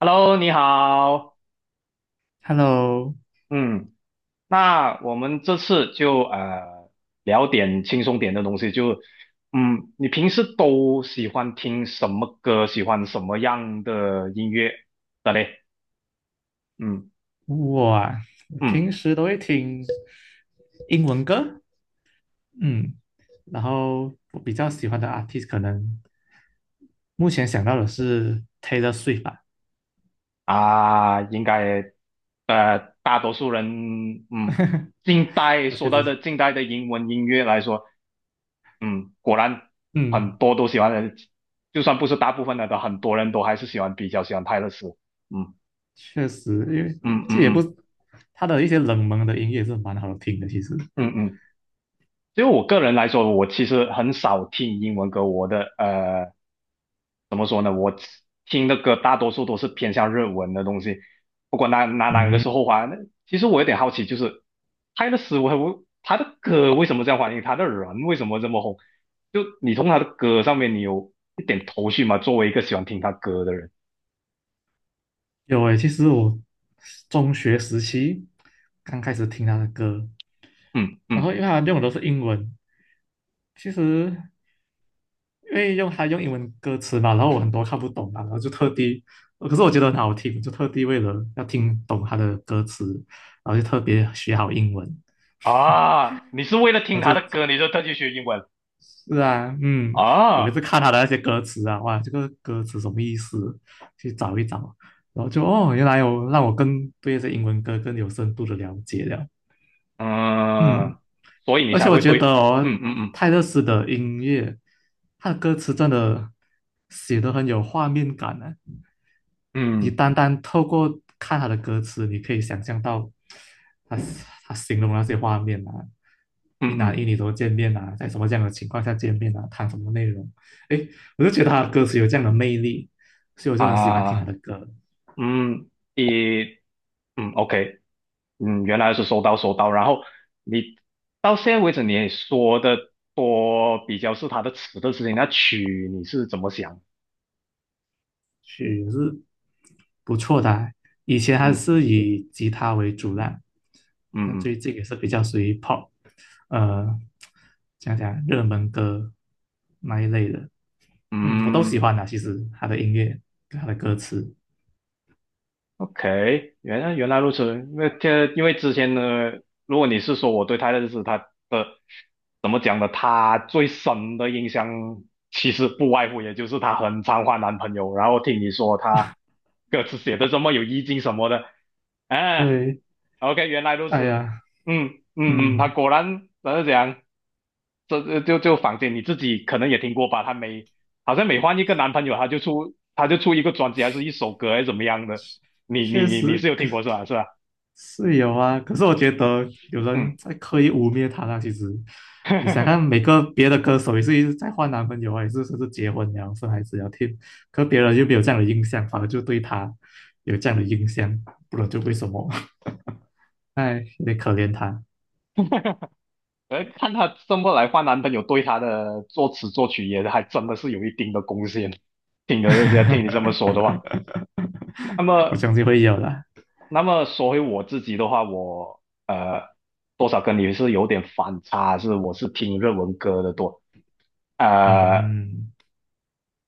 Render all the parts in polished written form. Hello，你好，Hello，嗯，那我们这次就聊点轻松点的东西，你平时都喜欢听什么歌，喜欢什么样的音乐的嘞？嗯我啊我平嗯。时都会听英文歌，嗯，然后我比较喜欢的 artist 可能目前想到的是 Taylor Swift 吧，啊，应该大多数人近代说确到实，的近代的英文音乐来说，嗯，果然很嗯，多都喜欢的，就算不是大部分的，很多人都还是比较喜欢泰勒斯，嗯。确实，因为嗯嗯这也不，嗯他的一些冷门的音乐是蛮好听的，其实，嗯嗯，就我个人来说，我其实很少听英文歌，怎么说呢？我听的歌大多数都是偏向日文的东西，不管哪个嗯，是后话。那其实我有点好奇，就是泰勒斯威他的歌为什么这样欢迎，他的人为什么这么红？就你从他的歌上面，你有一点头绪吗？作为一个喜欢听他歌的人，有诶，其实我中学时期刚开始听他的歌，嗯然后嗯。因为他用的都是英文，其实因为他用英文歌词嘛，然后我很多看不懂嘛，然后就特地，可是我觉得很好听，就特地为了要听懂他的歌词，然后就特别学好英文，啊，你是为了听然后就，他的歌，你就特地学英文是啊，嗯，我每次啊？看他的那些歌词啊，哇，这个歌词什么意思？去找一找，然后就哦，原来有让我更对这英文歌更有深度的了解了，嗯，嗯，所以你而且才我会觉得对，哦，嗯嗯泰勒斯的音乐，他的歌词真的写的很有画面感呢、嗯你嗯单单透过看他的歌词，你可以想象到他他形容那些画面啊，嗯一男嗯一女都见面啊，在什么这样的情况下见面啊，谈什么内容？诶，我就觉得他的歌词有这样的魅力，所以我就很喜欢听他啊，的歌嗯，一，嗯，OK，嗯，原来是收到收到，然后你到现在为止你也说的多比较是他的词的事情，那曲你是怎么想？曲，就是不错的啊以前还嗯是以吉他为主啦，但嗯嗯最近也是比较属于 pop，呃，讲讲热门歌那一类的，嗯，我都喜嗯。欢的，其实他的音乐跟他的歌词，OK，原来如此。因为之前呢，如果你是说我对他的认识，他的怎么讲呢？他最深的印象其实不外乎也就是他很常换男朋友，然后听你说他歌词写的这么有意境什么的，哎、对，o k 原来如哎此。呀，嗯嗯嗯，他嗯，果然怎么讲？这就房间你自己可能也听过吧？好像每换一个男朋友，她就出一个专辑，还是一首歌，还是怎么样的？你你确你你是实，有听过是吧？是吧？是有啊，可是我觉得有人嗯，在刻意污蔑他啦。其实，你想看 每个别的歌手也是一直在换男朋友啊，也是甚至结婚了生孩子了听，可别人又没有这样的印象，反而就对他有这样的印象，不然就为什么？哎，有点可怜他。看她这么来换男朋友，对她的作词作曲也还真的是有一定的贡献。听了人家听你这么说的话，那么我相信会有的，说回我自己的话，我多少跟你是有点反差，是我是听日文歌的多。呃，嗯，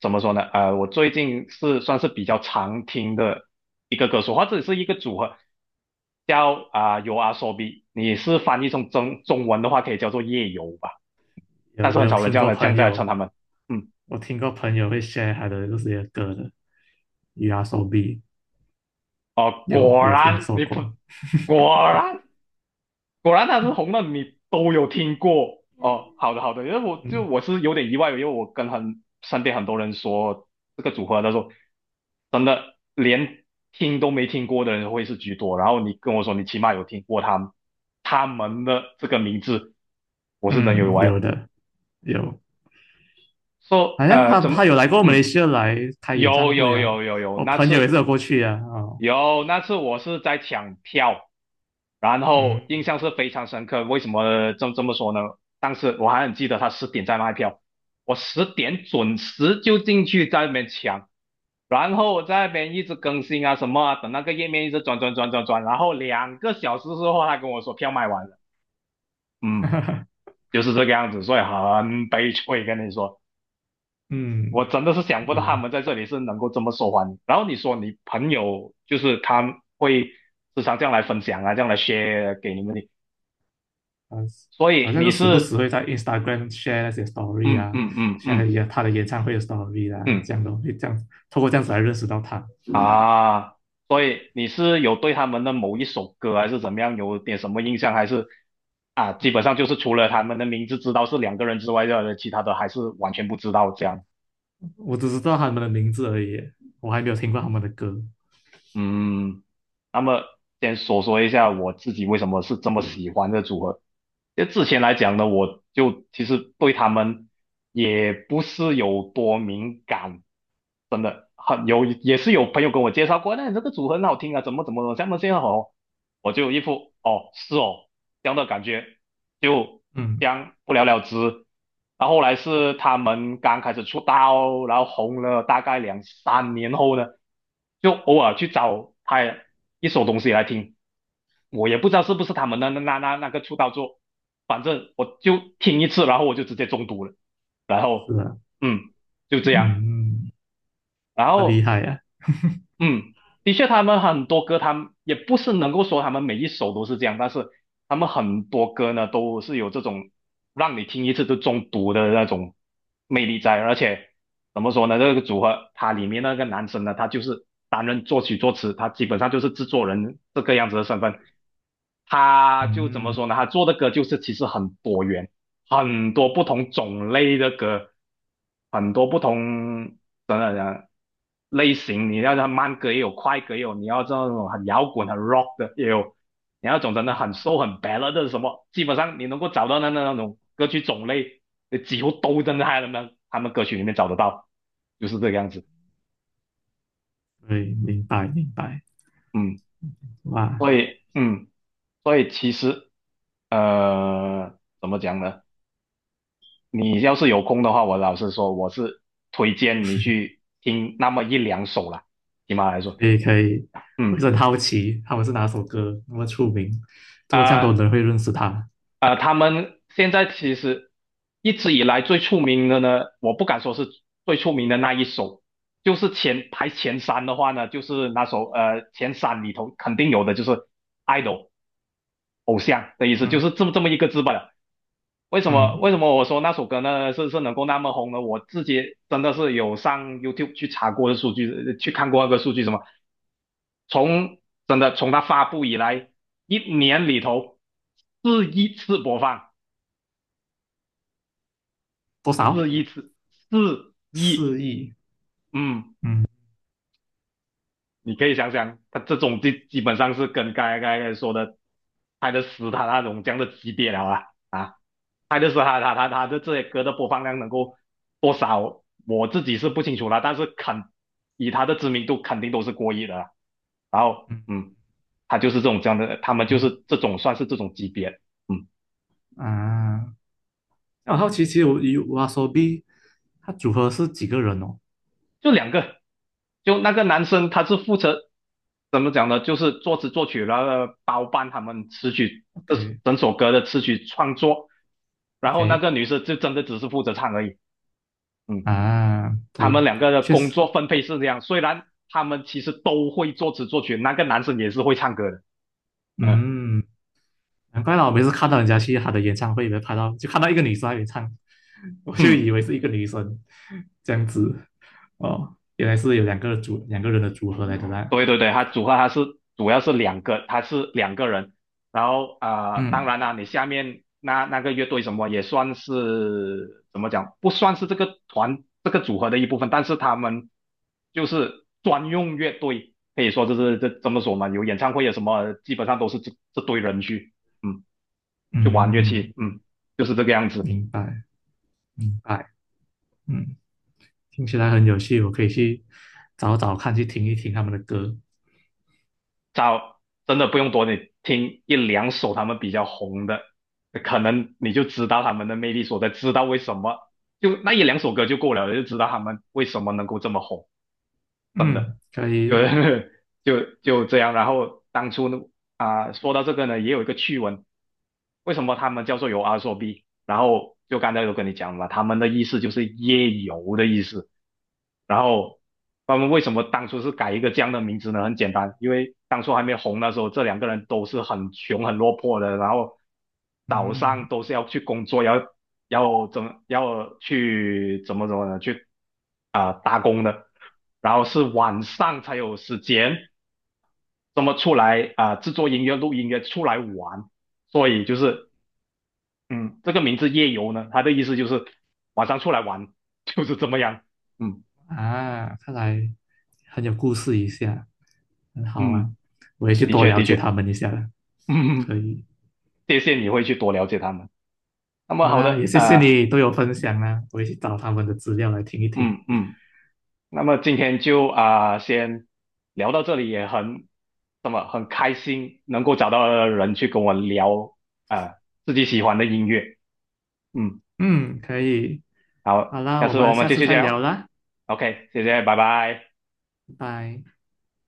怎么说呢？我最近是算是比较常听的一个歌手，或者是一个组合，叫游阿 b 比。你是翻译成中文的话，可以叫做夜游吧，但有是我很有少人听这样过的这样朋子来称友，他们。嗯，我听过朋友会 share 他的这些歌的 u So B，哦，有果我有听然说你不过，果然果然他是红的，你都有听过哦。好的好的，因为我就嗯。我是有点意外，因为我跟身边很多人说这个组合，他说真的连听都没听过的人会是居多。然后你跟我说你起码有听过他们的这个名字，我是真有意嗯，外。有的有，说、好像呃他怎他么有来过马嗯来西亚来开演有唱会有啊，有有有我那朋友也次是有过去啊，哦，有那次我是在抢票。然后嗯，印象是非常深刻。为什么这么说呢？当时我还很记得他十点在卖票，我十点准时就进去在那边抢，然后在那边一直更新啊什么啊，等那个页面一直转转转转转，然后2个小时之后他跟我说票卖完了，嗯，就是这个样子，所以很悲催，跟你说。我嗯，真的是想不到有他啊，们在这里是能够这么受欢迎。然后你说你朋友就是他会时常这样来分享啊，这样来 share 给你们的，所好以像你就时不是时会在 Instagram share 那些 story 嗯啊嗯嗯，share 嗯一下他的演唱会的 story 啊，嗯这样的会这样透过这样子来认识到他，啊，所以你是有对他们的某一首歌还是怎么样有点什么印象，还是啊，基本上就是除了他们的名字知道是两个人之外的，其他的还是完全不知道这样。我只知道他们的名字而已，我还没有听过他们的歌，嗯，那么先说说一下我自己为什么是这么喜欢这组合。就之前来讲呢，我就其实对他们也不是有多敏感，真的也是有朋友跟我介绍过，那你这个组合很好听啊，怎么怎么怎么，这么这样好，我就一副哦是哦这样的感觉，就嗯，这样不了了之。然后后来是他们刚开始出道，然后红了大概两三年后呢，就偶尔去找他一首东西来听。我也不知道是不是他们的那个出道作，反正我就听一次，然后我就直接中毒了。然是后，啊，嗯，就这样。嗯嗯，然那么厉后害啊，嗯，的确，他们很多歌，他们也不是能够说他们每一首都是这样，但是他们很多歌呢，都是有这种让你听一次就中毒的那种魅力在。而且怎么说呢，这个组合它里面那个男生呢，他就是担任作曲作词，他基本上就是制作人这个样子的身份。他就怎么嗯说呢？他做的歌就是其实很多元，很多不同种类的歌，很多不同等等等类型，你要它慢歌也有，快歌也有，你要这种很摇滚、很 rock 的也有，你要种真的嗯，很 s o 很 ballad 的什么，基本上你能够找到的那种歌曲种类，你几乎都真的在他们歌曲里面找得到，就是这个样子。对，明白明白，嗯，哇。所以嗯，所以其实怎么讲呢？你要是有空的话，我老实说，我是推荐你去听那么一两首啦，起码来说，可以可以，我一嗯直很好奇他们是哪首歌那么出名，怎么这样多啊。人会认识他？他们现在其实一直以来最出名的呢，我不敢说是最出名的那一首，就是前排前三的话呢，就是那首前三里头肯定有的就是 idol 偶像的意思，就嗯是这么一个字罢了为什么嗯，为什么我说那首歌呢是是能够那么红呢？我自己真的是有上 YouTube 去查过的数据，去看过那个数据什么，从真的从它发布以来一年里头是一次播放。多四少？一次四一，4亿？嗯，嗯你可以想想，他这种基本上是跟刚才说的泰的《死他那种这样的级别了啊啊，泰的《死他的这些歌的播放量能够多少，我自己是不清楚啦，但是肯以他的知名度肯定都是过亿的啦，然后嗯嗯，他就是这种这样的，他们就嗯是这种算是这种级别，嗯。啊，那我好奇，其实我有 YOASOBI，它组合是几个人哦就两个，就那个男生他是负责怎么讲呢？就是作词作曲，然后包办他们词曲这？OK 整首歌的词曲创作，然后那 OK 个女生就真的只是负责唱而已。嗯，啊，他们对，两个的确工实，作分配是这样，虽然他们其实都会作词作曲，那个男生也是会唱歌的。嗯嗯，难怪啦，我每次看到人家去他的演唱会里面拍到，就看到一个女生在那里唱，我就嗯，以为是一个女生这样子，哦，原来是有两个人的组合来的啦。对对对，他组合他是主要是两个，他是两个人。然后当嗯然啦，你下面那个乐队什么也算是怎么讲，不算是这个团这个组合的一部分，但是他们就是专用乐队，可以说就是这么说嘛，有演唱会有什么，基本上都是这堆人去嗯去玩乐嗯，器，嗯，就是这个样子。明白明白，嗯，听起来很有趣，我可以去找找看，去听一听他们的歌。找真的不用多，你听一两首他们比较红的，可能你就知道他们的魅力所在，知道为什么就那一两首歌就够了，就知道他们为什么能够这么红。嗯，可就 以，就这样。然后当初呢，说到这个呢，也有一个趣闻，为什么他们叫做有阿说 B？然后就刚才有跟你讲了，他们的意思就是夜游的意思。然后他们为什么当初是改一个这样的名字呢？很简单，因为当初还没红的时候，这两个人都是很穷、很落魄的，然后早上嗯都是要去工作，要怎么要去怎么呢？去打工的，然后是晚上才有时间这么出来制作音乐、录音乐出来玩，所以就是嗯，这个名字夜游呢，它的意思就是晚上出来玩，就是这么样。嗯啊，看来很有故事一下，很好啊，嗯，我也去的多确了的解确，他们一下了。嗯，可以，谢谢你会去多了解他们。那么好好啦，也的，谢谢你都有分享啦，我也去找他们的资料来听一听。嗯嗯，那么今天就先聊到这里，那么很开心能够找到人去跟我聊啊、呃自己喜欢的音乐，嗯。嗯，可以，好好，啦，下我次们我们下继次续再聊聊。啦，OK，谢谢，拜拜。拜拜。